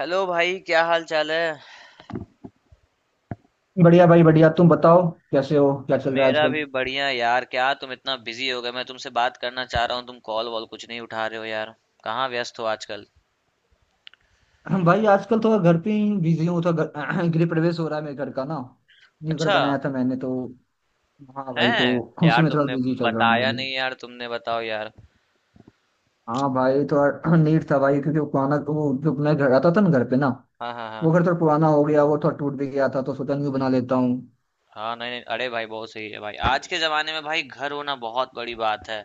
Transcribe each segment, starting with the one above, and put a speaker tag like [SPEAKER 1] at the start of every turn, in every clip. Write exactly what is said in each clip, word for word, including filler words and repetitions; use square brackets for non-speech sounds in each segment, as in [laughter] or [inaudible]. [SPEAKER 1] Hello भाई, क्या हाल चाल है।
[SPEAKER 2] बढ़िया भाई बढ़िया, तुम बताओ कैसे हो, क्या चल रहा है
[SPEAKER 1] मेरा
[SPEAKER 2] आजकल?
[SPEAKER 1] भी बढ़िया यार। क्या तुम इतना बिजी हो गए? मैं तुमसे बात करना चाह रहा हूँ, तुम कॉल वॉल कुछ नहीं उठा रहे हो यार। कहाँ व्यस्त हो आजकल?
[SPEAKER 2] [clears throat] भाई आजकल थोड़ा घर पे ही बिजी हूँ तो घर [clears throat] गृह प्रवेश हो रहा है मेरे घर का ना। न्यू घर
[SPEAKER 1] अच्छा
[SPEAKER 2] बनाया था मैंने तो। हाँ भाई, तो
[SPEAKER 1] है
[SPEAKER 2] उसी
[SPEAKER 1] यार
[SPEAKER 2] में थोड़ा
[SPEAKER 1] तुमने
[SPEAKER 2] बिजी चल रहा हूँ मैं
[SPEAKER 1] बताया
[SPEAKER 2] भी।
[SPEAKER 1] नहीं यार, तुमने बताओ यार।
[SPEAKER 2] हाँ भाई थोड़ा [clears throat] नीड था भाई, क्योंकि वो पुराना, वो जो मैं घर आता था ना, घर पे ना,
[SPEAKER 1] हाँ, हाँ,
[SPEAKER 2] वो
[SPEAKER 1] हाँ,
[SPEAKER 2] घर थोड़ा पुराना हो गया, वो थोड़ा टूट भी गया था तो सोचा न्यू बना लेता हूँ।
[SPEAKER 1] हाँ, नहीं नहीं, अरे भाई बहुत सही है भाई, आज के जमाने में भाई घर होना बहुत बड़ी बात है।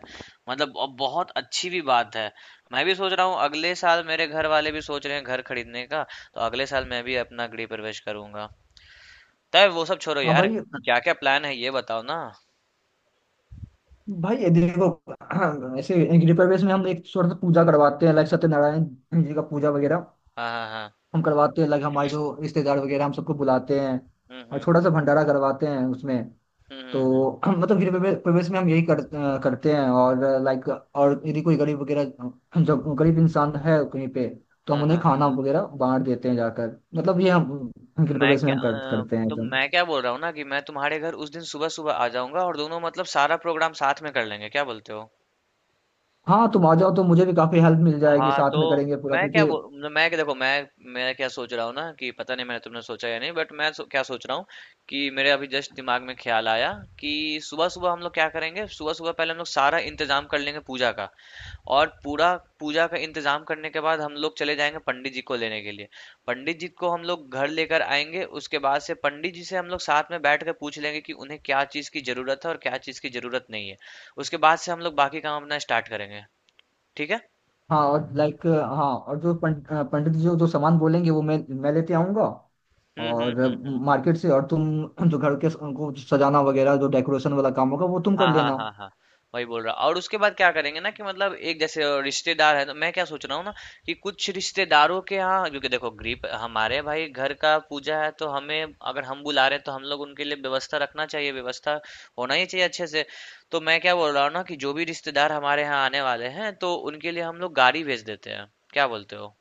[SPEAKER 1] मतलब अब बहुत अच्छी भी बात है। मैं भी सोच रहा हूँ, अगले साल मेरे घर वाले भी सोच रहे हैं घर खरीदने का। तो अगले साल मैं भी अपना गृह प्रवेश करूंगा। तब वो सब छोड़ो
[SPEAKER 2] हाँ
[SPEAKER 1] यार,
[SPEAKER 2] भाई।
[SPEAKER 1] क्या क्या प्लान है ये बताओ ना।
[SPEAKER 2] भाई ये देखो [clears throat] ऐसे गृह प्रवेश में हम एक थोड़ा सा पूजा करवाते हैं, लाइक सत्यनारायण जी का पूजा वगैरह
[SPEAKER 1] हाँ, हाँ, हाँ,
[SPEAKER 2] हम करवाते हैं। लाइक हमारे जो रिश्तेदार वगैरह हम सबको बुलाते हैं
[SPEAKER 1] हम्म,
[SPEAKER 2] और छोटा
[SPEAKER 1] हम्म,
[SPEAKER 2] सा
[SPEAKER 1] हम्म,
[SPEAKER 2] भंडारा करवाते हैं उसमें।
[SPEAKER 1] हम्म, हम्म, हम्म, हम्म,
[SPEAKER 2] तो [clears throat] मतलब गृह प्रवे- प्रवेश में हम यही कर, अ, करते हैं। और लाइक और यदि कोई गरीब वगैरह, जब गरीब इंसान है कहीं पे, तो हम
[SPEAKER 1] हाँ,
[SPEAKER 2] उन्हें
[SPEAKER 1] हाँ, हाँ,
[SPEAKER 2] खाना
[SPEAKER 1] हाँ।
[SPEAKER 2] वगैरह बांट देते हैं जाकर, मतलब ये हम गृह
[SPEAKER 1] मैं
[SPEAKER 2] प्रवेश में
[SPEAKER 1] क्या
[SPEAKER 2] हम कर,
[SPEAKER 1] अ,
[SPEAKER 2] करते हैं
[SPEAKER 1] तो
[SPEAKER 2] तो।
[SPEAKER 1] मैं क्या बोल रहा हूँ ना कि मैं तुम्हारे घर उस दिन सुबह सुबह आ जाऊंगा, और दोनों मतलब सारा प्रोग्राम साथ में कर लेंगे। क्या बोलते हो?
[SPEAKER 2] हाँ तुम आ जाओ तो मुझे भी काफी हेल्प मिल जाएगी,
[SPEAKER 1] हाँ
[SPEAKER 2] साथ
[SPEAKER 1] तो,
[SPEAKER 2] में करेंगे पूरा
[SPEAKER 1] मैं क्या
[SPEAKER 2] क्योंकि।
[SPEAKER 1] बोल मैं क्या देखो मैं मैं क्या सोच रहा हूँ ना कि पता नहीं मैंने तुमने सोचा या नहीं, बट मैं सो, क्या सोच रहा हूँ कि मेरे अभी जस्ट दिमाग में ख्याल आया कि सुबह सुबह हम लोग क्या करेंगे। सुबह सुबह पहले हम लोग सारा इंतजाम कर लेंगे पूजा का। और पूरा पूजा का इंतजाम करने के बाद हम लोग चले जाएंगे पंडित जी को लेने के लिए। पंडित जी को हम लोग घर लेकर आएंगे, उसके बाद से पंडित जी से हम लोग साथ में बैठ कर पूछ लेंगे कि उन्हें क्या चीज़ की ज़रूरत है और क्या चीज़ की ज़रूरत नहीं है। उसके बाद से हम लोग बाकी काम अपना स्टार्ट करेंगे। ठीक है।
[SPEAKER 2] हाँ और लाइक हाँ, और जो पंड, अ, पंडित जी जो सामान बोलेंगे वो मैं मैं लेते आऊँगा।
[SPEAKER 1] हम्म, हम्म,
[SPEAKER 2] और अ,
[SPEAKER 1] हम्म, हम्म,
[SPEAKER 2] मार्केट से। और तुम जो घर के स- उनको सजाना वगैरह, जो डेकोरेशन वाला काम होगा वो तुम कर
[SPEAKER 1] हाँ, हाँ,
[SPEAKER 2] लेना।
[SPEAKER 1] हाँ, हाँ, वही बोल रहा। और उसके बाद क्या करेंगे ना कि मतलब एक जैसे रिश्तेदार है, तो मैं क्या सोच रहा हूँ ना कि कुछ रिश्तेदारों के यहाँ, क्योंकि देखो गरीब हमारे भाई, घर का पूजा है तो हमें अगर हम बुला रहे हैं तो हम लोग उनके लिए व्यवस्था रखना चाहिए, व्यवस्था होना ही चाहिए अच्छे से। तो मैं क्या बोल रहा हूँ ना कि जो भी रिश्तेदार हमारे यहाँ आने वाले हैं तो उनके लिए हम लोग गाड़ी भेज देते हैं। क्या बोलते हो?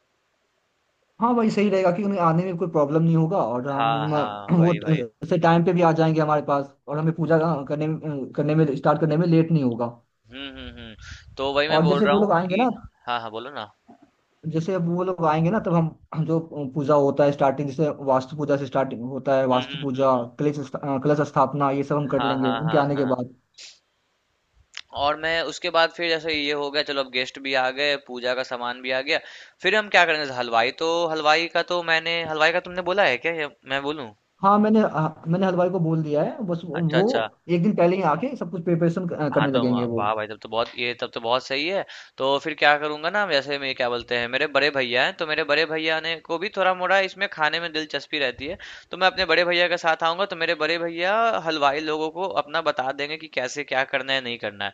[SPEAKER 2] हाँ वही सही रहेगा कि उन्हें आने में कोई प्रॉब्लम नहीं होगा, और
[SPEAKER 1] हाँ,
[SPEAKER 2] हम
[SPEAKER 1] हाँ,
[SPEAKER 2] अ, वो
[SPEAKER 1] वही वही।
[SPEAKER 2] ट- से टाइम पे भी आ जाएंगे हमारे पास, और हमें पूजा करने में- करने में स्टार्ट करने में लेट नहीं होगा।
[SPEAKER 1] हम्म, हम्म, हम्म, तो वही मैं
[SPEAKER 2] और
[SPEAKER 1] बोल
[SPEAKER 2] जैसे
[SPEAKER 1] रहा
[SPEAKER 2] वो लोग
[SPEAKER 1] हूँ
[SPEAKER 2] आएंगे
[SPEAKER 1] कि
[SPEAKER 2] ना,
[SPEAKER 1] हाँ, हाँ, बोलो ना।
[SPEAKER 2] जैसे अब वो लोग आएंगे ना, तब हम हम जो पूजा होता है स्टार्टिंग, जैसे वास्तु पूजा से स्टार्टिंग होता है,
[SPEAKER 1] हम्म,
[SPEAKER 2] वास्तु
[SPEAKER 1] हम्म, हम्म,
[SPEAKER 2] पूजा,
[SPEAKER 1] हम्म,
[SPEAKER 2] कलश स्था- अ, कलश स्थापना, ये सब हम कर
[SPEAKER 1] हाँ,
[SPEAKER 2] लेंगे
[SPEAKER 1] हाँ,
[SPEAKER 2] उनके
[SPEAKER 1] हाँ,
[SPEAKER 2] आने के
[SPEAKER 1] हाँ।
[SPEAKER 2] बाद।
[SPEAKER 1] और मैं उसके बाद, फिर जैसे ये हो गया, चलो अब गेस्ट भी आ गए, पूजा का सामान भी आ गया। फिर हम क्या करेंगे, जैसे हलवाई तो, हलवाई का तो मैंने हलवाई का तुमने बोला है क्या, या मैं बोलूं?
[SPEAKER 2] हाँ मैंने हाँ, मैंने हलवाई को बोल दिया है, बस वो
[SPEAKER 1] अच्छा,
[SPEAKER 2] वो
[SPEAKER 1] अच्छा।
[SPEAKER 2] एक दिन पहले ही आके सब कुछ प्रिपरेशन
[SPEAKER 1] हाँ
[SPEAKER 2] करने
[SPEAKER 1] तो
[SPEAKER 2] लगेंगे
[SPEAKER 1] वहाँ-
[SPEAKER 2] वो।
[SPEAKER 1] वाह भाई, तब तो बहुत ये तब तो बहुत सही है। तो फिर क्या करूंगा ना, वैसे मैं क्या, बोलते हैं मेरे बड़े भैया हैं, तो मेरे बड़े भैया ने को भी थोड़ा मोड़ा इसमें खाने में दिलचस्पी रहती है। तो मैं अपने बड़े भैया के साथ आऊंगा, तो मेरे बड़े भैया हलवाई लोगों को अपना बता देंगे कि कैसे क्या करना है नहीं करना है।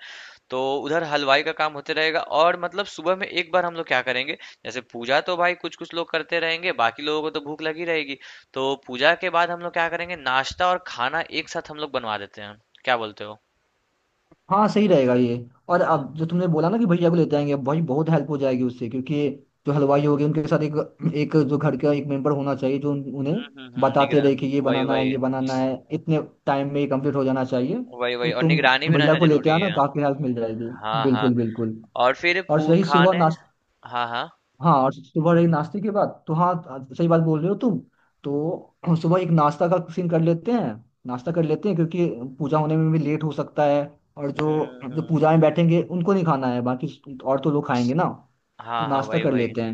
[SPEAKER 1] तो उधर हलवाई का काम होते रहेगा, और मतलब सुबह में एक बार हम लोग क्या करेंगे, जैसे पूजा तो भाई कुछ कुछ लोग करते रहेंगे, बाकी लोगों को तो भूख लगी रहेगी। तो पूजा के बाद हम लोग क्या करेंगे, नाश्ता और खाना एक साथ हम लोग बनवा देते हैं। क्या बोलते हो?
[SPEAKER 2] हाँ सही रहेगा ये। और अब जो तुमने बोला ना कि भैया को लेते आएंगे, अब भाई बहुत हेल्प हो जाएगी उससे, क्योंकि जो हलवाई हो गए उनके साथ एक एक जो घर का एक मेंबर होना चाहिए, जो उन,
[SPEAKER 1] हुँ,
[SPEAKER 2] उन्हें
[SPEAKER 1] हुँ, हुँ।
[SPEAKER 2] बताते
[SPEAKER 1] निगरा
[SPEAKER 2] रहे कि ये
[SPEAKER 1] वही,
[SPEAKER 2] बनाना है,
[SPEAKER 1] वही।
[SPEAKER 2] ये बनाना है, इतने टाइम में ये कंप्लीट हो जाना चाहिए।
[SPEAKER 1] वही, वही,
[SPEAKER 2] तो
[SPEAKER 1] और
[SPEAKER 2] तुम
[SPEAKER 1] निगरानी भी
[SPEAKER 2] भैया
[SPEAKER 1] रहना
[SPEAKER 2] को लेते
[SPEAKER 1] ज़रूरी
[SPEAKER 2] आना,
[SPEAKER 1] है।
[SPEAKER 2] काफी हेल्प मिल जाएगी।
[SPEAKER 1] हाँ, हाँ,
[SPEAKER 2] बिल्कुल बिल्कुल।
[SPEAKER 1] और फिर
[SPEAKER 2] और
[SPEAKER 1] पू
[SPEAKER 2] सही सुबह
[SPEAKER 1] खाने।
[SPEAKER 2] नाश्ता।
[SPEAKER 1] हाँ, हाँ।
[SPEAKER 2] हाँ और सुबह एक नाश्ते के बाद तो हाँ, सही बात बोल रहे हो तुम। तो [clears throat] सुबह एक नाश्ता का सीन कर लेते हैं, नाश्ता कर लेते हैं, क्योंकि पूजा होने में भी लेट हो सकता है, और
[SPEAKER 1] हुँ,
[SPEAKER 2] जो
[SPEAKER 1] हुँ,
[SPEAKER 2] जो
[SPEAKER 1] हुँ।
[SPEAKER 2] पूजा में बैठेंगे उनको नहीं खाना है, बाकी और तो लोग खाएंगे ना। तो
[SPEAKER 1] हाँ, हाँ,
[SPEAKER 2] नाश्ता
[SPEAKER 1] वही,
[SPEAKER 2] कर
[SPEAKER 1] वही।
[SPEAKER 2] लेते हैं।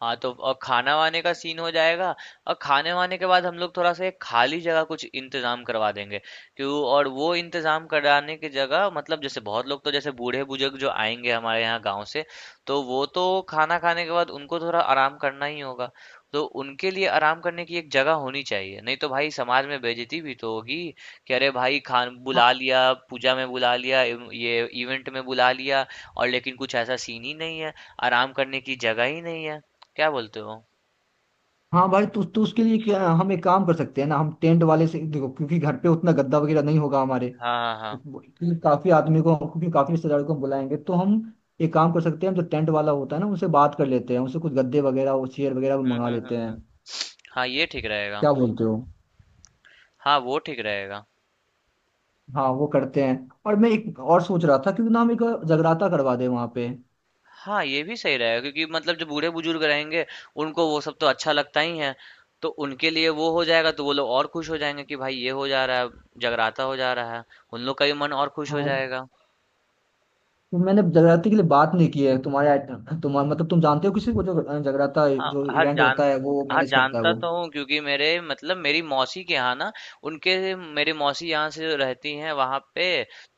[SPEAKER 1] हाँ तो, और खाना-वाने का सीन हो जाएगा। और खाने-वाने के बाद हम लोग थोड़ा-सा एक खाली जगह कुछ इंतजाम करवा देंगे। क्यों, और वो इंतजाम कराने की जगह, मतलब जैसे बहुत लोग, तो जैसे बूढ़े-बुजुर्ग जो आएंगे हमारे यहाँ गांव से, तो वो तो खाना खाने के बाद उनको थोड़ा आराम करना ही होगा। तो उनके लिए आराम करने की एक जगह होनी चाहिए, नहीं तो भाई समाज में बेइज्जती भी तो होगी कि अरे भाई, खान बुला
[SPEAKER 2] हाँ।
[SPEAKER 1] लिया, पूजा में बुला लिया, इव- ये इवेंट में बुला लिया, और लेकिन कुछ ऐसा सीन ही नहीं है, आराम करने की जगह ही नहीं है। क्या बोलते हो?
[SPEAKER 2] हाँ भाई तो, तो उसके लिए क्या हम एक काम कर सकते हैं ना, हम टेंट वाले से, देखो क्योंकि घर पे उतना गद्दा वगैरह नहीं होगा हमारे,
[SPEAKER 1] हाँ, हाँ, हाँ।
[SPEAKER 2] क्योंकि काफी आदमी को, क्योंकि काफी रिश्तेदारों को हम बुलाएंगे, तो हम एक काम कर सकते हैं, हम जो टेंट वाला होता है ना उनसे बात कर लेते हैं, उनसे कुछ गद्दे वगैरह और चेयर वगैरह भी
[SPEAKER 1] हुँ,
[SPEAKER 2] मंगा
[SPEAKER 1] हुँ,
[SPEAKER 2] लेते हैं।
[SPEAKER 1] हुँ, हुँ। हाँ, ये ठीक रहेगा।
[SPEAKER 2] क्या बोलते हो?
[SPEAKER 1] हाँ, वो ठीक रहेगा।
[SPEAKER 2] हाँ वो करते हैं। और मैं एक और सोच रहा था क्योंकि ना, हम एक जगराता करवा दें वहाँ पे।
[SPEAKER 1] हाँ, ये भी सही रहेगा क्योंकि मतलब जो बूढ़े-बुजुर्ग रहेंगे, उनको वो सब तो अच्छा लगता ही है। तो उनके लिए वो हो जाएगा, तो वो लोग और खुश हो जाएंगे कि भाई ये हो जा रहा है, जगराता हो जा रहा है। उन लोग का भी मन और खुश हो
[SPEAKER 2] हाँ,
[SPEAKER 1] जाएगा।
[SPEAKER 2] तो मैंने जगराते के लिए बात नहीं की है। तुम्हारे तुम्हारा मतलब, तुम जानते हो किसी को जो जगराता,
[SPEAKER 1] हाँ,
[SPEAKER 2] जो
[SPEAKER 1] हाँ
[SPEAKER 2] इवेंट
[SPEAKER 1] जान
[SPEAKER 2] होता है वो
[SPEAKER 1] हाँ,
[SPEAKER 2] मैनेज करता है
[SPEAKER 1] जानता
[SPEAKER 2] वो?
[SPEAKER 1] तो हूँ, क्योंकि मेरे मतलब मेरी मौसी के यहाँ ना, उनके, मेरे मौसी यहाँ से रहती हैं वहाँ पे।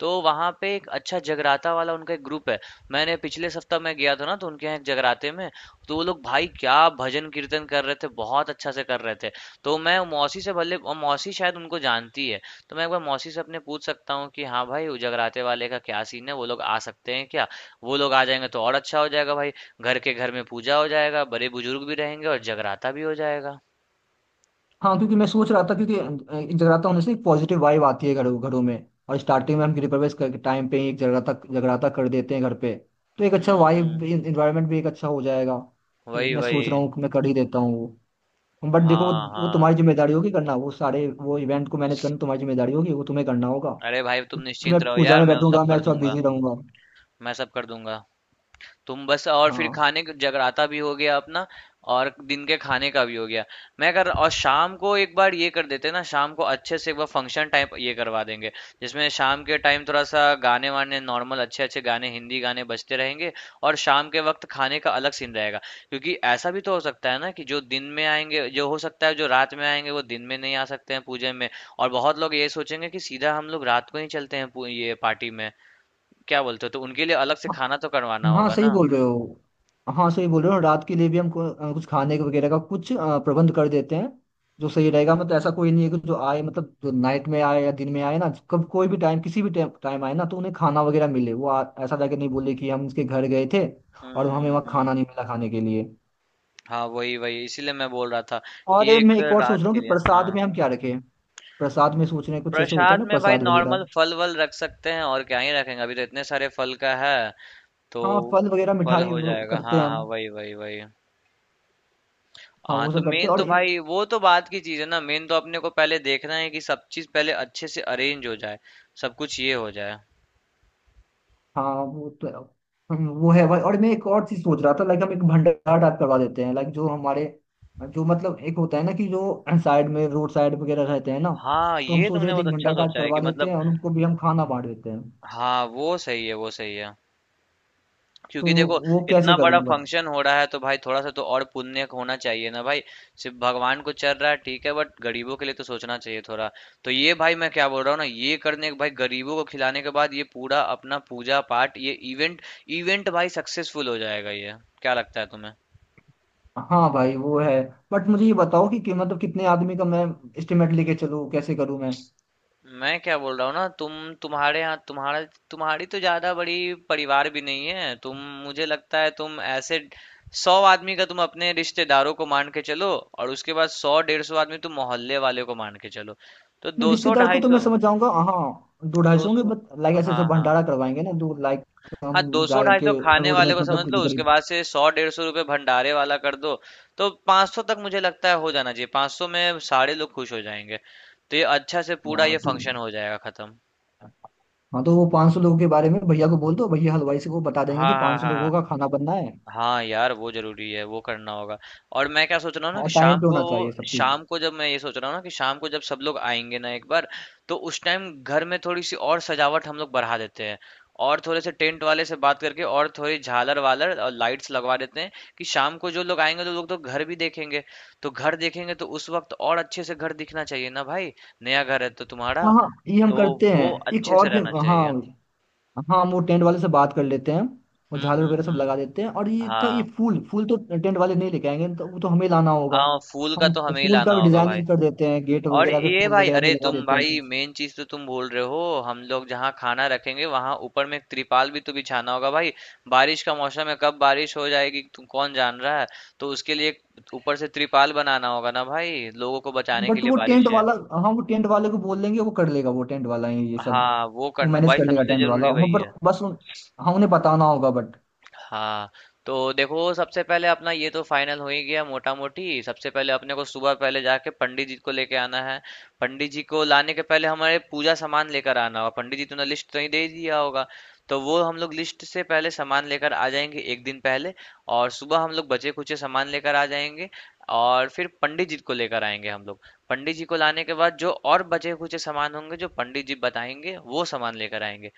[SPEAKER 1] तो वहाँ पे एक अच्छा जगराता वाला उनका एक ग्रुप है। मैंने पिछले सप्ताह मैं गया था ना, तो उनके यहाँ एक जगराते में, तो वो लोग भाई क्या भजन कीर्तन कर रहे थे, बहुत अच्छा से कर रहे थे। तो मैं मौसी से भले, और मौसी शायद उनको जानती है। तो मैं एक बार मौसी से अपने पूछ सकता हूँ कि हाँ भाई वो जगराते वाले का क्या सीन है, वो लोग आ सकते हैं क्या। वो लोग आ जाएंगे तो और अच्छा हो जाएगा भाई। घर के घर में पूजा हो जाएगा, बड़े बुजुर्ग भी रहेंगे, और जगराता भी हो जाएगा।
[SPEAKER 2] हाँ, क्योंकि मैं सोच रहा था, क्योंकि एक जगराता होने से एक पॉजिटिव वाइब आती है घरों घरों में। और स्टार्टिंग में हम गृह प्रवेश करके टाइम पे ही एक जगराता जगराता कर देते हैं घर पे, तो एक अच्छा
[SPEAKER 1] हम्म,
[SPEAKER 2] वाइब
[SPEAKER 1] हम्म,
[SPEAKER 2] इन्वायरमेंट भी एक अच्छा हो जाएगा। तो
[SPEAKER 1] वही
[SPEAKER 2] मैं सोच
[SPEAKER 1] वही।
[SPEAKER 2] रहा हूँ कि मैं कर ही देता हूँ वो, बट देखो वो,
[SPEAKER 1] हाँ,
[SPEAKER 2] वो तुम्हारी
[SPEAKER 1] हाँ,
[SPEAKER 2] जिम्मेदारी होगी करना, वो सारे वो इवेंट को मैनेज करना तुम्हारी जिम्मेदारी होगी, वो तुम्हें करना होगा।
[SPEAKER 1] अरे भाई तुम
[SPEAKER 2] क्योंकि मैं
[SPEAKER 1] निश्चिंत रहो
[SPEAKER 2] पूजा
[SPEAKER 1] यार,
[SPEAKER 2] में
[SPEAKER 1] मैं वो
[SPEAKER 2] बैठूंगा,
[SPEAKER 1] सब
[SPEAKER 2] मैं
[SPEAKER 1] कर
[SPEAKER 2] थोड़ा
[SPEAKER 1] दूंगा।
[SPEAKER 2] बिजी रहूंगा।
[SPEAKER 1] मैं सब कर दूंगा तुम बस। और फिर खाने क जगराता भी हो गया अपना, और दिन के खाने का भी हो गया। मैं कर और शाम को एक बार ये कर देते हैं ना, शाम को अच्छे से एक बार फंक्शन टाइप ये करवा देंगे। जिसमें शाम के टाइम थोड़ा-सा गाने-वाने, नॉर्मल अच्छे-अच्छे गाने, हिंदी गाने बजते रहेंगे, और शाम के वक़्त खाने का अलग सीन रहेगा। क्योंकि ऐसा भी तो हो सकता है ना कि जो दिन में आएँगे, जो हो सकता है जो रात में आएँगे वो दिन में नहीं आ सकते हैं पूजे में, और बहुत लोग ये सोचेंगे कि सीधा हम लोग रात को ही चलते हैं पू ये पार्टी में। क्या बोलते हो? तो उनके लिए अलग से
[SPEAKER 2] हाँ
[SPEAKER 1] खाना तो करवाना
[SPEAKER 2] हाँ,
[SPEAKER 1] होगा
[SPEAKER 2] सही
[SPEAKER 1] ना।
[SPEAKER 2] बोल रहे हो हाँ सही बोल रहे हो, रात के लिए भी हम को, अ, कुछ खाने के वगैरह का कुछ अ, प्रबंध कर देते हैं, जो सही रहेगा। मतलब ऐसा कोई नहीं है कि जो आए, मतलब जो नाइट में आए या दिन में आए ना, कब कोई भी टाइम, किसी भी टाइम आए ना, तो उन्हें खाना वगैरह मिले, वो आ, ऐसा जाके नहीं बोले कि हम उसके घर गए थे और
[SPEAKER 1] हम्म,
[SPEAKER 2] हमें
[SPEAKER 1] हम्म,
[SPEAKER 2] वहाँ खाना नहीं
[SPEAKER 1] हम्म।
[SPEAKER 2] मिला खाने के लिए।
[SPEAKER 1] हाँ, वही वही, इसीलिए मैं बोल रहा था
[SPEAKER 2] और
[SPEAKER 1] कि
[SPEAKER 2] अ,
[SPEAKER 1] एक
[SPEAKER 2] मैं एक और सोच
[SPEAKER 1] रात
[SPEAKER 2] रहा हूँ
[SPEAKER 1] के
[SPEAKER 2] कि
[SPEAKER 1] लिए,
[SPEAKER 2] प्रसाद
[SPEAKER 1] हाँ।
[SPEAKER 2] में हम क्या रखें? प्रसाद में सोच रहे हैं, कुछ ऐसे होता है
[SPEAKER 1] प्रसाद
[SPEAKER 2] ना
[SPEAKER 1] में भाई
[SPEAKER 2] प्रसाद
[SPEAKER 1] नॉर्मल
[SPEAKER 2] वगैरह।
[SPEAKER 1] फल वल रख सकते हैं, और क्या ही रखेंगे, अभी तो इतने सारे फल का है, तो
[SPEAKER 2] हाँ, फल वगैरह,
[SPEAKER 1] फल
[SPEAKER 2] मिठाई,
[SPEAKER 1] हो
[SPEAKER 2] वो
[SPEAKER 1] जाएगा।
[SPEAKER 2] करते
[SPEAKER 1] हाँ,
[SPEAKER 2] हैं
[SPEAKER 1] हाँ,
[SPEAKER 2] हम।
[SPEAKER 1] वही वही वही।
[SPEAKER 2] हाँ
[SPEAKER 1] हाँ
[SPEAKER 2] वो
[SPEAKER 1] तो,
[SPEAKER 2] सब करते
[SPEAKER 1] मेन
[SPEAKER 2] हैं। और
[SPEAKER 1] तो भाई वो तो बात की चीज है ना, मेन तो अपने को पहले देखना है कि सब चीज पहले अच्छे से अरेंज हो जाए, सब कुछ ये हो जाए।
[SPEAKER 2] हाँ, वो तो है। हम्म, वो है भाई। और मैं एक और चीज सोच रहा था, लाइक हम एक भंडारा टाइप करवा देते हैं, लाइक जो हमारे, जो मतलब एक होता है ना कि जो साइड में रोड साइड वगैरह रहते हैं ना,
[SPEAKER 1] हाँ,
[SPEAKER 2] तो हम
[SPEAKER 1] ये
[SPEAKER 2] सोच
[SPEAKER 1] तुमने
[SPEAKER 2] रहे थे
[SPEAKER 1] बहुत
[SPEAKER 2] एक
[SPEAKER 1] अच्छा
[SPEAKER 2] भंडारा टाइप
[SPEAKER 1] सोचा है कि
[SPEAKER 2] करवा देते
[SPEAKER 1] मतलब,
[SPEAKER 2] हैं और उनको भी हम खाना बांट देते हैं।
[SPEAKER 1] हाँ, वो सही है, वो सही है।
[SPEAKER 2] तो
[SPEAKER 1] क्योंकि देखो
[SPEAKER 2] वो
[SPEAKER 1] इतना
[SPEAKER 2] कैसे
[SPEAKER 1] बड़ा
[SPEAKER 2] करूँगा?
[SPEAKER 1] फंक्शन हो रहा है तो भाई थोड़ा सा तो और पुण्य होना चाहिए ना भाई। सिर्फ भगवान को चल रहा है ठीक है, बट गरीबों के लिए तो सोचना चाहिए थोड़ा। तो ये भाई, मैं क्या बोल रहा हूँ ना, ये करने के भाई गरीबों को खिलाने के बाद ये पूरा अपना पूजा पाठ ये इवेंट, इवेंट भाई सक्सेसफुल हो जाएगा ये। क्या लगता है तुम्हें?
[SPEAKER 2] हाँ भाई वो है, बट मुझे ये बताओ कि, कि मतलब कितने आदमी का मैं एस्टिमेट लेके चलूँ, कैसे करूँ मैं?
[SPEAKER 1] मैं क्या बोल रहा हूँ ना, तुम, तुम्हारे यहाँ तुम्हारा, तुम्हारी तो ज्यादा बड़ी परिवार भी नहीं है तुम। मुझे लगता है तुम ऐसे सौ आदमी का तुम अपने रिश्तेदारों को मान के चलो, और उसके बाद सौ डेढ़ सौ आदमी तुम मोहल्ले वाले को मान के चलो, तो
[SPEAKER 2] नहीं,
[SPEAKER 1] दो सौ
[SPEAKER 2] रिश्तेदार को
[SPEAKER 1] ढाई
[SPEAKER 2] तो मैं
[SPEAKER 1] सौ
[SPEAKER 2] समझ जाऊंगा, हाँ दो ढाई
[SPEAKER 1] दो
[SPEAKER 2] सौ होंगे,
[SPEAKER 1] सौ
[SPEAKER 2] बट लाइक ऐसे
[SPEAKER 1] हाँ,
[SPEAKER 2] जो
[SPEAKER 1] हाँ,
[SPEAKER 2] भंडारा करवाएंगे ना, जो लाइक
[SPEAKER 1] हाँ,
[SPEAKER 2] हम
[SPEAKER 1] दो सौ
[SPEAKER 2] जाए
[SPEAKER 1] ढाई सौ
[SPEAKER 2] के
[SPEAKER 1] खाने
[SPEAKER 2] रोड में,
[SPEAKER 1] वाले को समझ
[SPEAKER 2] मतलब
[SPEAKER 1] लो,
[SPEAKER 2] कुछ
[SPEAKER 1] उसके
[SPEAKER 2] गरीब।
[SPEAKER 1] बाद से सौ डेढ़ सौ रुपये भंडारे वाला कर दो। तो पाँच सौ तक मुझे लगता है हो जाना चाहिए, पाँच सौ में सारे लोग खुश हो जाएंगे। तो ये अच्छा से पूरा
[SPEAKER 2] हाँ
[SPEAKER 1] ये
[SPEAKER 2] तो,
[SPEAKER 1] फंक्शन हो जाएगा खत्म।
[SPEAKER 2] हाँ तो वो पाँच सौ लोगों के बारे में भैया को बोल दो, भैया हलवाई से को बता देंगे
[SPEAKER 1] हाँ,
[SPEAKER 2] कि
[SPEAKER 1] हाँ,
[SPEAKER 2] पाँच सौ
[SPEAKER 1] हाँ,
[SPEAKER 2] लोगों
[SPEAKER 1] हाँ।
[SPEAKER 2] का खाना बनना है,
[SPEAKER 1] हाँ यार, वो जरूरी है, वो करना होगा। और मैं क्या सोच रहा हूँ ना कि
[SPEAKER 2] और
[SPEAKER 1] शाम
[SPEAKER 2] टाइम पे
[SPEAKER 1] को,
[SPEAKER 2] होना चाहिए सब कुछ।
[SPEAKER 1] शाम को जब मैं ये सोच रहा हूँ ना कि शाम को जब सब लोग आएंगे ना एक बार, तो उस टाइम घर में थोड़ी सी और सजावट हम लोग बढ़ा देते हैं। और थोड़े से टेंट वाले से बात करके और थोड़ी झालर वालर और लाइट्स लगवा देते हैं कि शाम को जो लोग आएंगे तो लोग तो घर भी देखेंगे। तो घर देखेंगे तो उस वक्त और अच्छे से घर दिखना चाहिए ना भाई, नया घर है तो तुम्हारा,
[SPEAKER 2] हाँ हाँ, ये हम
[SPEAKER 1] तो
[SPEAKER 2] करते हैं।
[SPEAKER 1] वो
[SPEAKER 2] एक
[SPEAKER 1] अच्छे से
[SPEAKER 2] और भी
[SPEAKER 1] रहना
[SPEAKER 2] हाँ।
[SPEAKER 1] चाहिए।
[SPEAKER 2] हाँ, हम वो टेंट वाले से बात कर लेते हैं, वो
[SPEAKER 1] हम्म,
[SPEAKER 2] झालर वगैरह
[SPEAKER 1] हम्म,
[SPEAKER 2] सब
[SPEAKER 1] हम्म।
[SPEAKER 2] लगा देते हैं। और ये था ये
[SPEAKER 1] हाँ।
[SPEAKER 2] फूल, फूल तो टेंट वाले नहीं लेके आएंगे तो वो तो हमें लाना होगा।
[SPEAKER 1] हाँ, फूल का
[SPEAKER 2] हम
[SPEAKER 1] तो हमें ही
[SPEAKER 2] फूल
[SPEAKER 1] लाना
[SPEAKER 2] का भी
[SPEAKER 1] होगा भाई।
[SPEAKER 2] डिजाइनिंग कर देते हैं, गेट
[SPEAKER 1] और
[SPEAKER 2] वगैरह पे
[SPEAKER 1] ये
[SPEAKER 2] फूल
[SPEAKER 1] भाई,
[SPEAKER 2] वगैरह भी
[SPEAKER 1] अरे
[SPEAKER 2] लगा
[SPEAKER 1] तुम
[SPEAKER 2] देते हैं
[SPEAKER 1] भाई
[SPEAKER 2] कुछ।
[SPEAKER 1] मेन चीज तो तुम बोल रहे हो। हम लोग जहाँ खाना रखेंगे वहां ऊपर में एक त्रिपाल भी तो बिछाना होगा भाई। बारिश का मौसम है, कब बारिश हो जाएगी तुम कौन जान रहा है। तो उसके लिए एक ऊपर से त्रिपाल बनाना होगा ना भाई, लोगों को बचाने के
[SPEAKER 2] बट
[SPEAKER 1] लिए,
[SPEAKER 2] वो टेंट
[SPEAKER 1] बारिश है।
[SPEAKER 2] वाला, हाँ वो टेंट वाले को बोल देंगे, वो कर लेगा, वो टेंट वाला ही ये सब
[SPEAKER 1] हाँ, वो
[SPEAKER 2] वो
[SPEAKER 1] करना
[SPEAKER 2] मैनेज
[SPEAKER 1] भाई,
[SPEAKER 2] कर लेगा,
[SPEAKER 1] सबसे
[SPEAKER 2] टेंट वाला,
[SPEAKER 1] जरूरी
[SPEAKER 2] हम
[SPEAKER 1] वही
[SPEAKER 2] पर
[SPEAKER 1] है।
[SPEAKER 2] बस उन- हाँ उन्हें बताना होगा बट।
[SPEAKER 1] हाँ तो देखो, सबसे पहले अपना ये तो फाइनल हो ही गया मोटा मोटी, सबसे पहले अपने को सुबह पहले जाके पंडित जी को लेके आना है। पंडित जी को लाने के पहले हमारे पूजा सामान लेकर आना होगा, पंडित जी तुमने लिस्ट तो नहीं दे दिया होगा, तो वो हम लोग लिस्ट से पहले सामान लेकर आ जाएंगे एक दिन पहले। और सुबह हम लोग बचे खुचे सामान लेकर आ जाएंगे, और फिर पंडित जी को लेकर आएंगे हम लोग। पंडित जी को लाने के बाद जो और बचे खुचे सामान होंगे जो पंडित जी बताएंगे वो सामान लेकर आएंगे।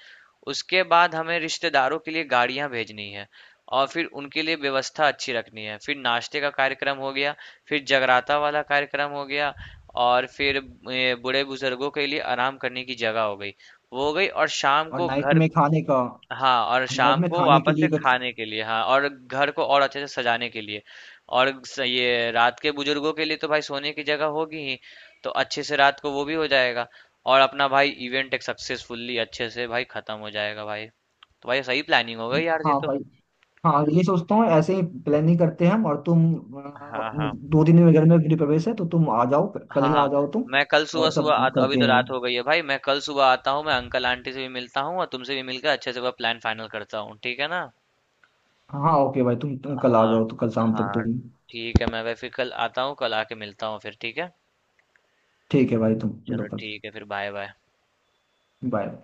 [SPEAKER 1] उसके बाद हमें रिश्तेदारों के लिए गाड़ियां भेजनी है। और फिर उनके लिए व्यवस्था अच्छी रखनी है, फिर नाश्ते का कार्यक्रम हो गया, फिर जगराता वाला कार्यक्रम हो गया, और फिर ए, बूढ़े बुजुर्गों के लिए आराम करने की जगह हो गई, वो हो गई, और शाम
[SPEAKER 2] और
[SPEAKER 1] को
[SPEAKER 2] नाइट
[SPEAKER 1] घर,
[SPEAKER 2] में खाने का।
[SPEAKER 1] हाँ, और
[SPEAKER 2] नाइट
[SPEAKER 1] शाम
[SPEAKER 2] में
[SPEAKER 1] को
[SPEAKER 2] खाने के
[SPEAKER 1] वापस से
[SPEAKER 2] लिए कुछ।
[SPEAKER 1] खाने के लिए, हाँ, और घर को और अच्छे से सजाने के लिए, और स- ये रात के बुजुर्गों के लिए तो भाई सोने की जगह होगी ही, तो अच्छे से रात को वो भी हो जाएगा। और अपना भाई इवेंट एक सक्सेसफुली अच्छे से भाई खत्म हो जाएगा भाई। तो भाई, सही प्लानिंग हो गई यार ये
[SPEAKER 2] हाँ
[SPEAKER 1] तो।
[SPEAKER 2] भाई। हाँ, ये सोचता हूँ ऐसे ही प्लानिंग करते हैं हम और तुम
[SPEAKER 1] हाँ,
[SPEAKER 2] अ,
[SPEAKER 1] हाँ,
[SPEAKER 2] दो दिन में घर में गृह प्रवेश है, तो तुम आ जाओ, कल
[SPEAKER 1] हाँ,
[SPEAKER 2] ही आ
[SPEAKER 1] हाँ।
[SPEAKER 2] जाओ तुम,
[SPEAKER 1] मैं कल
[SPEAKER 2] और सब
[SPEAKER 1] सुबह-सुबह आता, अभी
[SPEAKER 2] करते
[SPEAKER 1] तो
[SPEAKER 2] हैं।
[SPEAKER 1] रात हो गई है भाई, मैं कल सुबह आता हूँ, मैं अंकल आंटी से भी मिलता हूँ और तुमसे भी मिलकर अच्छे से वह प्लान फाइनल करता हूँ, ठीक है ना?
[SPEAKER 2] हाँ ओके भाई, तुम, तुम कल आ
[SPEAKER 1] हाँ,
[SPEAKER 2] जाओ तो कल शाम तक
[SPEAKER 1] हाँ,
[SPEAKER 2] तुम।
[SPEAKER 1] ठीक है, मैं वै- फिर कल आता हूँ, कल आके मिलता हूँ फिर, ठीक है।
[SPEAKER 2] ठीक है भाई, तुम मिलो
[SPEAKER 1] चलो
[SPEAKER 2] कल।
[SPEAKER 1] ठीक है फिर, बाय बाय।
[SPEAKER 2] बाय।